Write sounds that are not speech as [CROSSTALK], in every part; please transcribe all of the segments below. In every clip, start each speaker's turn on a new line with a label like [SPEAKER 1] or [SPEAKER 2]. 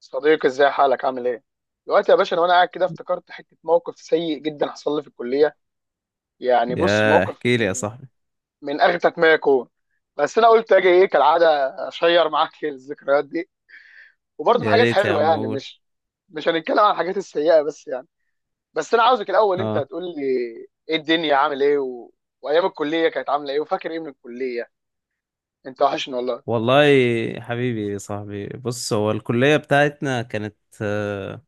[SPEAKER 1] صديقي، ازاي حالك؟ عامل ايه؟ دلوقتي يا باشا، انا وانا قاعد كده افتكرت حته موقف سيء جدا حصل لي في الكليه. يعني بص،
[SPEAKER 2] يا
[SPEAKER 1] موقف
[SPEAKER 2] احكي لي يا
[SPEAKER 1] من
[SPEAKER 2] صاحبي.
[SPEAKER 1] من اغتك ما يكون. بس انا قلت اجي ايه كالعاده، اشير معاك [LAUGHS] الذكريات دي. وبرضه في
[SPEAKER 2] يا
[SPEAKER 1] حاجات
[SPEAKER 2] ريت يا
[SPEAKER 1] حلوه،
[SPEAKER 2] عم
[SPEAKER 1] يعني
[SPEAKER 2] اقول.
[SPEAKER 1] مش هنتكلم عن الحاجات السيئه بس يعني. بس انا عاوزك الاول انت
[SPEAKER 2] اه
[SPEAKER 1] هتقول لي ايه الدنيا، عامل ايه، وايام الكليه كانت عامله ايه، وفاكر ايه من الكليه؟ انت وحشني والله.
[SPEAKER 2] والله. حبيبي يا صاحبي، بص، هو الكلية بتاعتنا كانت، آه،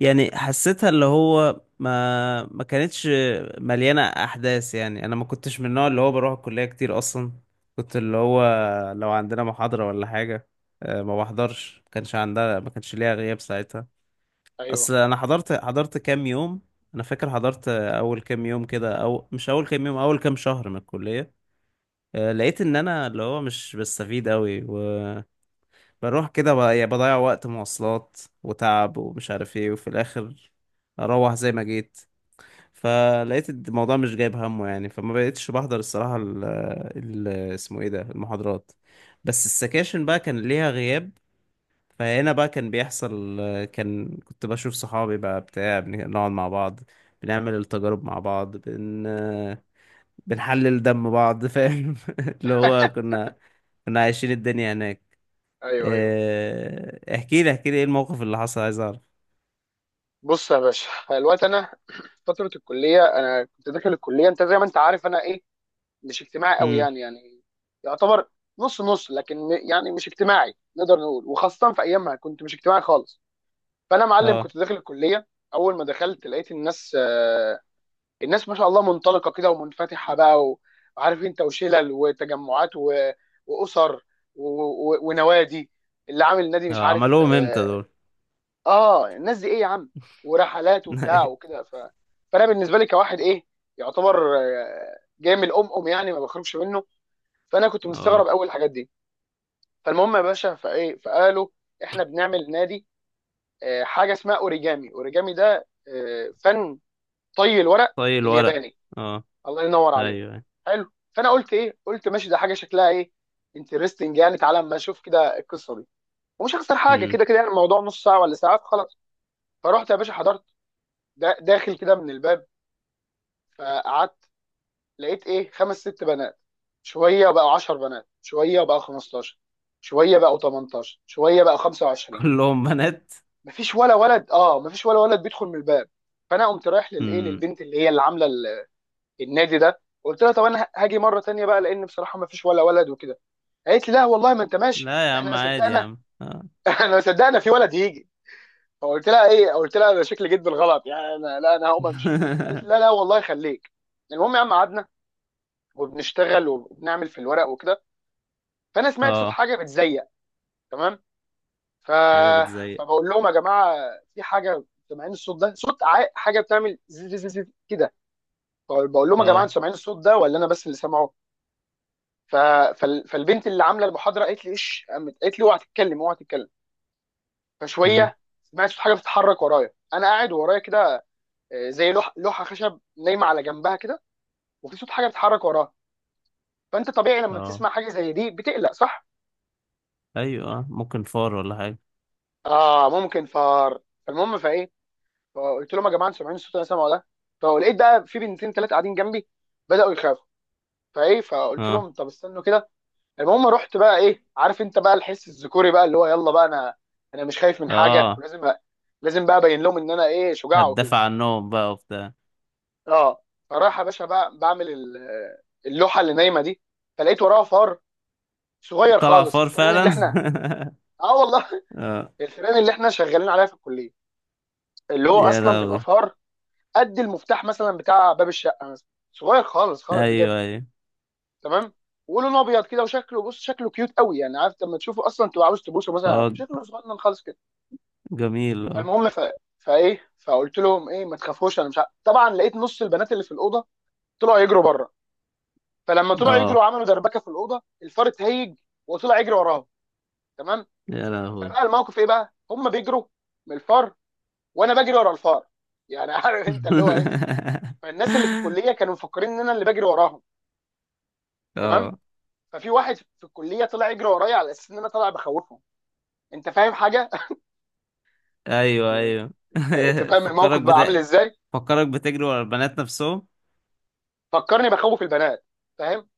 [SPEAKER 2] يعني حسيتها اللي هو ما كانتش مليانة احداث، يعني انا ما كنتش من النوع اللي هو بروح الكلية كتير اصلا. كنت اللي هو لو عندنا محاضرة ولا حاجة، ما بحضرش، ما كانش عندها، ما كانش ليها غياب ساعتها.
[SPEAKER 1] ايوه
[SPEAKER 2] اصل انا حضرت كام يوم. انا فاكر حضرت اول كام يوم كده، او مش اول كام يوم، اول كام شهر من الكلية. لقيت ان
[SPEAKER 1] [LAUGHS]
[SPEAKER 2] انا اللي هو مش بستفيد قوي وبروح كده، يعني بضيع وقت مواصلات وتعب ومش عارف ايه، وفي الاخر اروح زي ما جيت. فلقيت الموضوع مش جايب همه يعني، فما بقيتش بحضر الصراحة اسمه ايه ده، المحاضرات. بس السكاشن بقى كان ليها غياب. فهنا بقى كان بيحصل، كنت بشوف صحابي بقى بتاع، بنقعد مع بعض، بنعمل التجارب مع بعض بنحلل دم بعض، فاهم؟ [LAUGHS] اللي هو كنا عايشين الدنيا هناك.
[SPEAKER 1] ايوه، ايوه.
[SPEAKER 2] احكي لي احكي لي ايه الموقف اللي حصل، عايز اعرف.
[SPEAKER 1] بص يا باشا، الوقت انا [CLEARS THROAT] فتره الكليه، انا كنت داخل الكليه، انت زي ما انت عارف انا ايه، مش اجتماعي قوي،
[SPEAKER 2] امم.
[SPEAKER 1] يعني يعتبر نص نص، لكن يعني مش اجتماعي نقدر نقول. وخاصه في ايامها كنت مش اجتماعي خالص. فانا معلم
[SPEAKER 2] اه.
[SPEAKER 1] كنت داخل الكليه، اول ما دخلت لقيت الناس، الناس ما شاء الله منطلقه كده ومنفتحه بقى، وعارف انت، وشلل وتجمعات واسر ونوادي، اللي عامل نادي مش
[SPEAKER 2] اه
[SPEAKER 1] عارف،
[SPEAKER 2] عملوهم امتى
[SPEAKER 1] آه،
[SPEAKER 2] دول؟
[SPEAKER 1] اه الناس دي ايه يا عم، ورحلات وبتاع
[SPEAKER 2] [LAUGHS]
[SPEAKER 1] وكده. فانا بالنسبه لي كواحد ايه، يعتبر جاي من الام، ام يعني ما بخرجش منه، فانا كنت مستغرب
[SPEAKER 2] اه،
[SPEAKER 1] اول الحاجات دي. فالمهم يا باشا، فايه، فقالوا احنا بنعمل نادي، حاجه اسمها اوريجامي. اوريجامي ده فن طي الورق
[SPEAKER 2] طي الورق.
[SPEAKER 1] الياباني.
[SPEAKER 2] اه.
[SPEAKER 1] الله ينور عليك.
[SPEAKER 2] ايوه.
[SPEAKER 1] حلو. فانا قلت ايه، قلت ماشي، ده حاجه شكلها ايه، انترستنج يعني، تعالى اما اشوف كده القصه دي. ومش هخسر حاجه
[SPEAKER 2] امم.
[SPEAKER 1] كده كده، يعني الموضوع نص ساعه ولا ساعه، خلاص. فرحت يا باشا، حضرت، داخل كده من الباب. فقعدت، لقيت ايه، خمس ست بنات، شويه بقوا 10 بنات، شويه بقوا 15، شويه بقوا 18، شويه بقوا
[SPEAKER 2] [LAUGHS]
[SPEAKER 1] 25.
[SPEAKER 2] كلهم بنات.
[SPEAKER 1] مفيش ولا ولد. اه مفيش ولا ولد بيدخل من الباب. فانا قمت رايح للايه،
[SPEAKER 2] امم.
[SPEAKER 1] للبنت اللي هي اللي عامله النادي ده، قلت لها طب انا هاجي مره تانية بقى، لان بصراحه مفيش ولا ولد وكده. قالت لي لا والله، ما انت ماشي،
[SPEAKER 2] لا يا
[SPEAKER 1] احنا
[SPEAKER 2] عم،
[SPEAKER 1] ما
[SPEAKER 2] عادي يا
[SPEAKER 1] صدقنا.
[SPEAKER 2] عم، اه.
[SPEAKER 1] [LAUGHS] احنا ما صدقنا في ولد يجي. فقلت لها ايه، قلت لها انا شكلي جيت بالغلط يعني، انا لا، انا هقوم امشي. قالت لي لا
[SPEAKER 2] [LAUGHS]
[SPEAKER 1] لا والله خليك. المهم يا عم قعدنا، وبنشتغل وبنعمل في الورق وكده. فانا سمعت صوت
[SPEAKER 2] اه.
[SPEAKER 1] حاجه بتزيق، تمام. ف...
[SPEAKER 2] حاجة بتزيق؟
[SPEAKER 1] فبقول لهم يا جماعه، في حاجه، سامعين الصوت ده؟ صوت حاجه بتعمل زي زي زي زي كده. بقول لهم يا جماعه، انتوا
[SPEAKER 2] اه.
[SPEAKER 1] سامعين الصوت ده، ولا انا بس اللي سامعه؟ ف... فالبنت اللي عامله المحاضره قالت لي ايش، قامت قالت لي اوعى تتكلم، اوعى تتكلم.
[SPEAKER 2] امم.
[SPEAKER 1] فشويه سمعت صوت حاجه بتتحرك ورايا، انا قاعد ورايا كده زي لوحه خشب نايمه على جنبها كده، وفي صوت حاجه بتتحرك وراها. فانت طبيعي لما
[SPEAKER 2] اه.
[SPEAKER 1] بتسمع حاجه زي دي بتقلق، صح.
[SPEAKER 2] ايوه آه. ممكن فار ولا حاجة.
[SPEAKER 1] اه ممكن فار. المهم فايه، فقلت لهم يا جماعه، انتوا سامعين الصوت اللي انا سامعه ده؟ فلقيت بقى في بنتين ثلاثه قاعدين جنبي بداوا يخافوا. فايه، فقلت
[SPEAKER 2] اه.
[SPEAKER 1] لهم طب استنوا كده. المهم رحت بقى ايه، عارف انت بقى الحس الذكوري بقى، اللي هو يلا بقى، انا مش خايف من حاجه،
[SPEAKER 2] اه،
[SPEAKER 1] ولازم بقى، لازم بقى ابين لهم ان انا ايه، شجاع وكده.
[SPEAKER 2] هتدافع عنهم بقى وبتاع.
[SPEAKER 1] اه. فراح يا باشا بقى، بعمل اللوحه اللي نايمه دي، فلقيت وراها فار صغير
[SPEAKER 2] طلع
[SPEAKER 1] خالص.
[SPEAKER 2] فار
[SPEAKER 1] الفيران اللي
[SPEAKER 2] فعلا.
[SPEAKER 1] احنا، اه والله.
[SPEAKER 2] [LAUGHS] اه.
[SPEAKER 1] [LAUGHS] الفيران اللي احنا شغالين عليها في الكليه، اللي هو
[SPEAKER 2] يا
[SPEAKER 1] اصلا بيبقى
[SPEAKER 2] لهوي.
[SPEAKER 1] فار قد المفتاح مثلا بتاع باب الشقه مثلا، صغير خالص خالص
[SPEAKER 2] ايوه
[SPEAKER 1] بجد،
[SPEAKER 2] ايوه.
[SPEAKER 1] تمام. ولونه ابيض كده، وشكله بص شكله كيوت قوي يعني، عارف لما تشوفه اصلا تبقى عاوز تبوسه مثلا،
[SPEAKER 2] اه،
[SPEAKER 1] شكله صغنن خالص كده.
[SPEAKER 2] جميل اه.
[SPEAKER 1] المهم فايه، فقلت لهم ايه، ما تخافوش انا مش عارف. طبعا لقيت نص البنات اللي في الاوضه طلعوا يجروا بره. فلما طلعوا
[SPEAKER 2] اه.
[SPEAKER 1] يجروا عملوا دربكه في الاوضه، الفار اتهيج وطلع يجري وراهم، تمام.
[SPEAKER 2] يا لهوي.
[SPEAKER 1] فبقى الموقف ايه بقى، هم بيجروا من الفار، وانا بجري ورا الفار، يعني [LAUGHS] عارف انت اللي هو ايه.
[SPEAKER 2] [LAUGHS]
[SPEAKER 1] فالناس اللي في الكليه كانوا مفكرين ان انا اللي بجري وراهم، تمام.
[SPEAKER 2] اه.
[SPEAKER 1] ففي واحد في الكليه طلع يجري ورايا، على اساس ان انا طالع بخوفهم، انت فاهم حاجه. [LAUGHS]
[SPEAKER 2] ايوه
[SPEAKER 1] يعني
[SPEAKER 2] ايوه.
[SPEAKER 1] انت، انت
[SPEAKER 2] [LAUGHS]
[SPEAKER 1] فاهم الموقف
[SPEAKER 2] فكرك
[SPEAKER 1] بقى عامل
[SPEAKER 2] بت...
[SPEAKER 1] ازاي.
[SPEAKER 2] فكرك بتجري ورا البنات نفسهم.
[SPEAKER 1] فكرني بخوف البنات، فاهم.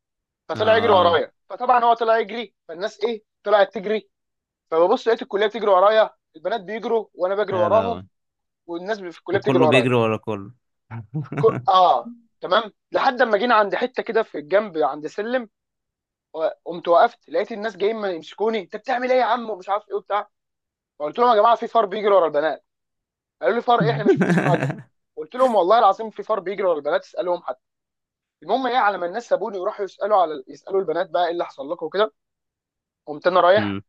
[SPEAKER 1] فطلع يجري
[SPEAKER 2] اه.
[SPEAKER 1] ورايا، فطبعا هو طلع يجري فالناس ايه طلعت تجري. فببص لقيت الكليه بتجري ورايا، البنات بيجروا وانا بجري
[SPEAKER 2] يا
[SPEAKER 1] وراهم،
[SPEAKER 2] لهوي.
[SPEAKER 1] والناس في الكليه بتجري
[SPEAKER 2] وكله
[SPEAKER 1] ورايا.
[SPEAKER 2] بيجري ورا كله. [LAUGHS]
[SPEAKER 1] اه، تمام. لحد اما جينا عند حته كده في الجنب عند سلم، قمت وقفت، لقيت الناس جايين ما يمسكوني، انت بتعمل ايه يا عم، ومش عارف ايه، وبتاع. فقلت لهم يا جماعه، في فار بيجري ورا البنات. قالوا لي فار ايه، احنا ما شفناش حاجه. قلت لهم والله العظيم في فار بيجري ورا البنات، اسالهم حد. المهم ايه، على ما الناس سابوني وراحوا يسالوا على يسالوا البنات بقى ايه اللي حصل لكم وكده، قمت انا رايح
[SPEAKER 2] امم.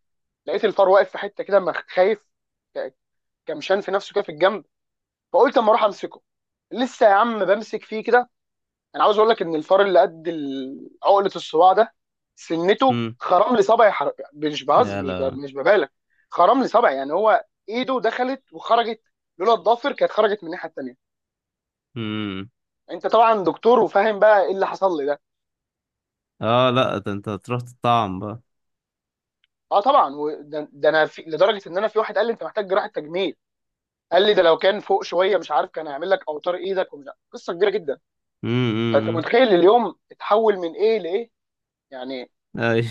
[SPEAKER 1] لقيت الفار واقف في حته كده خايف، ك- كمشان في نفسه كده في الجنب. فقلت اما اروح امسكه. لسه يا عم بمسك فيه كده، انا عاوز اقول لك ان الفار اللي قد عقله الصباع ده، سنته
[SPEAKER 2] امم.
[SPEAKER 1] خرم لي صبعي. مش بهز،
[SPEAKER 2] يا لهوي.
[SPEAKER 1] مش ببالغ، خرم لي صبعي، يعني هو ايده دخلت وخرجت، لولا الضافر كانت خرجت من الناحيه التانيه.
[SPEAKER 2] امم.
[SPEAKER 1] انت طبعا دكتور وفاهم بقى ايه اللي حصل لي ده.
[SPEAKER 2] اه لا، ده انت هتروح تطعم بقى.
[SPEAKER 1] اه طبعا. ده انا في، لدرجه ان انا في واحد قال لي انت محتاج جراحه تجميل، قال لي ده لو كان فوق شويه مش عارف كان هيعمل لك اوتار ايدك، ومش عارف. قصه كبيره جدا. فانت
[SPEAKER 2] امم.
[SPEAKER 1] متخيل اليوم اتحول من ايه لايه، يعني
[SPEAKER 2] ايوه.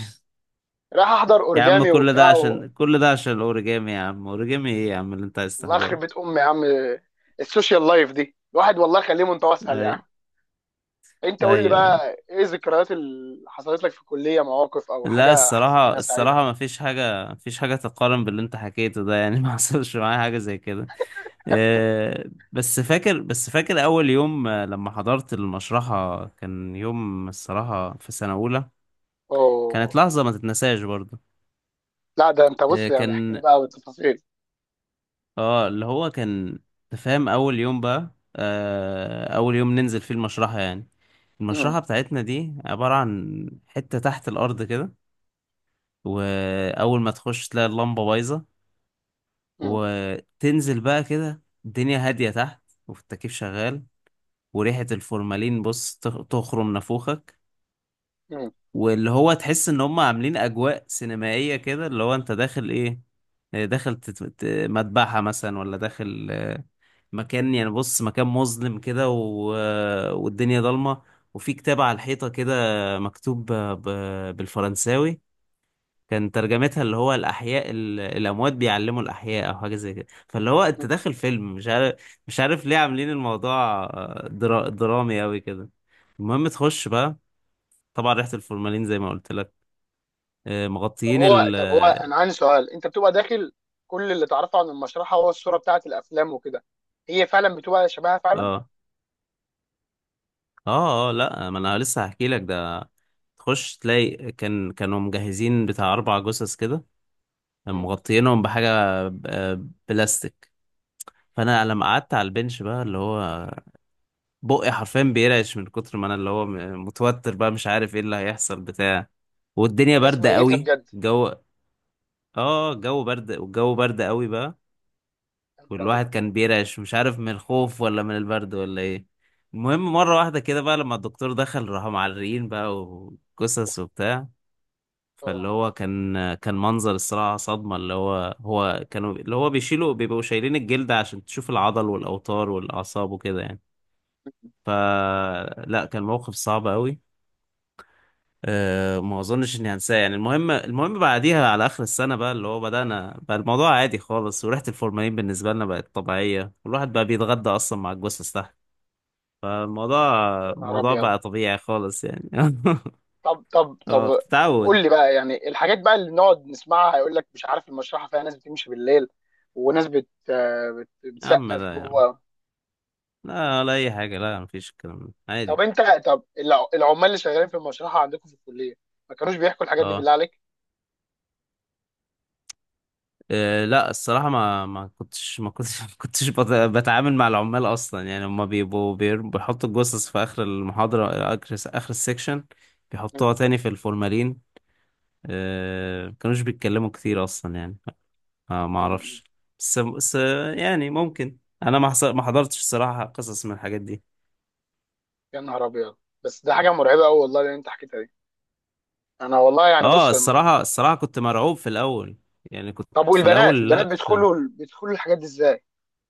[SPEAKER 1] رايح احضر
[SPEAKER 2] يا عم،
[SPEAKER 1] اوريجامي
[SPEAKER 2] كل ده
[SPEAKER 1] وبتاع
[SPEAKER 2] عشان، كل ده عشان الاوريجامي يا عم، اوريجامي ايه يا عم اللي انت عايز
[SPEAKER 1] الله يخرب
[SPEAKER 2] تحضره؟
[SPEAKER 1] بيت امي يا عم. السوشيال لايف دي الواحد والله خليه متوسهل
[SPEAKER 2] اي.
[SPEAKER 1] يعني. انت قول لي
[SPEAKER 2] ايوه ايوه.
[SPEAKER 1] بقى ايه الذكريات اللي حصلت لك في الكليه، مواقف او
[SPEAKER 2] لا،
[SPEAKER 1] حاجه
[SPEAKER 2] الصراحة،
[SPEAKER 1] حزينه سعيده.
[SPEAKER 2] الصراحة ما فيش حاجة، ما فيش حاجة تقارن باللي انت حكيته ده يعني، [LAUGHS] ما حصلش معايا حاجة زي كده. آه، بس فاكر أول يوم، لما حضرت المشرحة، كان يوم الصراحة، في سنة أولى. كانت
[SPEAKER 1] اوه.
[SPEAKER 2] لحظة ما تتنساش برضه.
[SPEAKER 1] لا ده انت بص، يعني احكي لي
[SPEAKER 2] كان،
[SPEAKER 1] بقى بالتفاصيل.
[SPEAKER 2] اه اللي هو كان تفهم، أول يوم بقى، أول يوم ننزل فيه المشرحة يعني. المشرحة
[SPEAKER 1] مم.
[SPEAKER 2] بتاعتنا دي عبارة عن حتة تحت الأرض كده، وأول ما تخش تلاقي اللمبة بايظة،
[SPEAKER 1] مم.
[SPEAKER 2] وتنزل بقى كده الدنيا هادية تحت، والتكييف شغال، وريحة الفورمالين بص تخرم نافوخك،
[SPEAKER 1] مم.
[SPEAKER 2] واللي هو تحس ان هم عاملين اجواء سينمائية كده، اللي هو انت داخل ايه؟ داخل مذبحة مثلا، ولا داخل مكان يعني، بص مكان مظلم كده والدنيا ضلمة، وفي كتاب على الحيطة كده مكتوب بالفرنساوي، كان ترجمتها اللي هو الأحياء الأموات بيعلموا الأحياء، أو حاجة زي كده، فاللي هو أنت
[SPEAKER 1] مم.
[SPEAKER 2] داخل فيلم مش عارف. مش عارف ليه عاملين الموضوع درامي أوي كده. المهم تخش بقى، طبعا ريحة الفورمالين زي ما قلت لك،
[SPEAKER 1] طب
[SPEAKER 2] مغطيين
[SPEAKER 1] هو،
[SPEAKER 2] ال.
[SPEAKER 1] انا عندي سؤال، انت بتبقى داخل، كل اللي تعرفه عن المشرحه هو الصوره بتاعت الافلام وكده، هي فعلا بتبقى شبهها فعلا؟
[SPEAKER 2] اه. اه. اه، لا ما انا لسه هحكي لك ده. تخش تلاقي كان كانوا مجهزين بتاع 4 جثث كده،
[SPEAKER 1] مم.
[SPEAKER 2] مغطيينهم بحاجة، بلاستيك. فانا لما
[SPEAKER 1] مم.
[SPEAKER 2] قعدت على البنش بقى، اللي هو بقي حرفيا بيرعش من كتر ما انا اللي هو متوتر بقى، مش عارف ايه اللي هيحصل بتاع،
[SPEAKER 1] دي
[SPEAKER 2] والدنيا
[SPEAKER 1] ناس
[SPEAKER 2] باردة
[SPEAKER 1] ميته
[SPEAKER 2] قوي
[SPEAKER 1] بجد.
[SPEAKER 2] الجو. اه، الجو برد، والجو برد قوي بقى،
[SPEAKER 1] يا نهار
[SPEAKER 2] والواحد
[SPEAKER 1] ابيض.
[SPEAKER 2] كان بيرعش مش عارف من الخوف ولا من البرد ولا ايه. المهم
[SPEAKER 1] مم.
[SPEAKER 2] مرة واحدة كده بقى لما الدكتور دخل راحوا معرقين بقى، وقصص وبتاع، فاللي
[SPEAKER 1] اه.
[SPEAKER 2] هو كان منظر الصراحة صدمة، اللي هو هو كانوا اللي هو بيشيلوا، بيبقوا شايلين الجلد عشان تشوف العضل والأوتار والأعصاب وكده يعني. فلا، كان موقف صعب قوي. أه، ما اظنش اني هنساه يعني. المهم بعديها على اخر السنه بقى، اللي هو بدانا بقى الموضوع عادي خالص، وريحه الفورمالين بالنسبه لنا بقت طبيعيه، والواحد بقى بيتغدى اصلا مع الجثث تحت. فالموضوع
[SPEAKER 1] يا نهار
[SPEAKER 2] الموضوع
[SPEAKER 1] ابيض.
[SPEAKER 2] بقى طبيعي خالص يعني.
[SPEAKER 1] طب طب
[SPEAKER 2] [LAUGHS] اه،
[SPEAKER 1] طب طب
[SPEAKER 2] بتتعود.
[SPEAKER 1] قول لي بقى، يعني الحاجات بقى اللي نقعد نسمعها، هيقول لك مش عارف المشرحه فيها ناس بتمشي بالليل، وناس بت
[SPEAKER 2] يا عم
[SPEAKER 1] بتسقف
[SPEAKER 2] لا يا عم،
[SPEAKER 1] جوه.
[SPEAKER 2] لا ولا اي حاجه، لا مفيش، الكلام ده
[SPEAKER 1] طب
[SPEAKER 2] عادي.
[SPEAKER 1] انت، طب العمال اللي شغالين في المشرحه عندكم في الكليه ما كانوش بيحكوا الحاجات دي
[SPEAKER 2] اه.
[SPEAKER 1] بالله عليك؟
[SPEAKER 2] لا الصراحة، ما كنتش [LAUGHS] ما كنتش بتعامل مع العمال أصلا يعني، هما بيبقوا بيحطوا الجثث في آخر المحاضرة، آخر السكشن، بيحطوها
[SPEAKER 1] مم.
[SPEAKER 2] تاني في الفورمالين. ما كانوش بيتكلموا كتير أصلا يعني. ما
[SPEAKER 1] مم.
[SPEAKER 2] أعرفش. بس يعني ممكن. أنا ما حضرتش الصراحة قصص من الحاجات دي.
[SPEAKER 1] يا نهار ابيض. بس ده حاجه مرعبه قوي والله اللي انت حكيتها دي. انا والله يعني
[SPEAKER 2] اه،
[SPEAKER 1] بص
[SPEAKER 2] الصراحة، الصراحة كنت مرعوب في الأول. يعني كنت.
[SPEAKER 1] طب
[SPEAKER 2] في
[SPEAKER 1] والبنات،
[SPEAKER 2] الأول لا
[SPEAKER 1] البنات
[SPEAKER 2] كنت.
[SPEAKER 1] بيدخلوا بيدخلوا الحاجات دي ازاي؟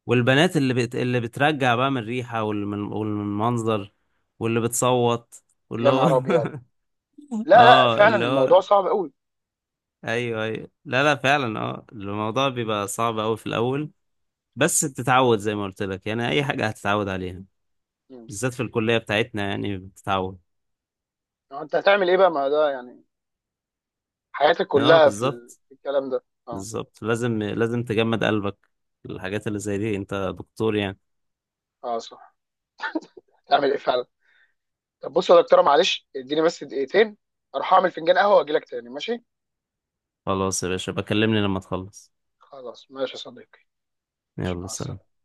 [SPEAKER 2] والبنات اللي اللي بترجع بقى من الريحة والمنظر، المنظر، واللي بتصوت،
[SPEAKER 1] يا
[SPEAKER 2] واللي هو
[SPEAKER 1] نهار ابيض.
[SPEAKER 2] [LAUGHS]
[SPEAKER 1] لا لا
[SPEAKER 2] اه
[SPEAKER 1] فعلا
[SPEAKER 2] اللي
[SPEAKER 1] الموضوع
[SPEAKER 2] هو.
[SPEAKER 1] صعب قوي.
[SPEAKER 2] ايوه ايوه، لا لا فعلا، اه الموضوع بيبقى صعب قوي في الاول، بس بتتعود زي ما قلت لك يعني، اي حاجة هتتعود عليها،
[SPEAKER 1] مم.
[SPEAKER 2] بالذات في الكلية بتاعتنا يعني بتتعود.
[SPEAKER 1] انت هتعمل ايه بقى، ما ده يعني حياتك
[SPEAKER 2] اه
[SPEAKER 1] كلها في
[SPEAKER 2] بالظبط،
[SPEAKER 1] في الكلام ده، اه.
[SPEAKER 2] بالظبط، لازم تجمد قلبك، الحاجات اللي زي دي، انت دكتور يعني.
[SPEAKER 1] اه صح، هتعمل ايه فعلا. طب بص يا دكتوره، معلش اديني بس دقيقتين اروح اعمل فنجان قهوه واجي لك تاني، ماشي؟
[SPEAKER 2] خلاص يا باشا، بكلمني لما تخلص.
[SPEAKER 1] خلاص، ماشي يا صديقي. ماشي،
[SPEAKER 2] يلا
[SPEAKER 1] مع
[SPEAKER 2] سلام.
[SPEAKER 1] السلامه.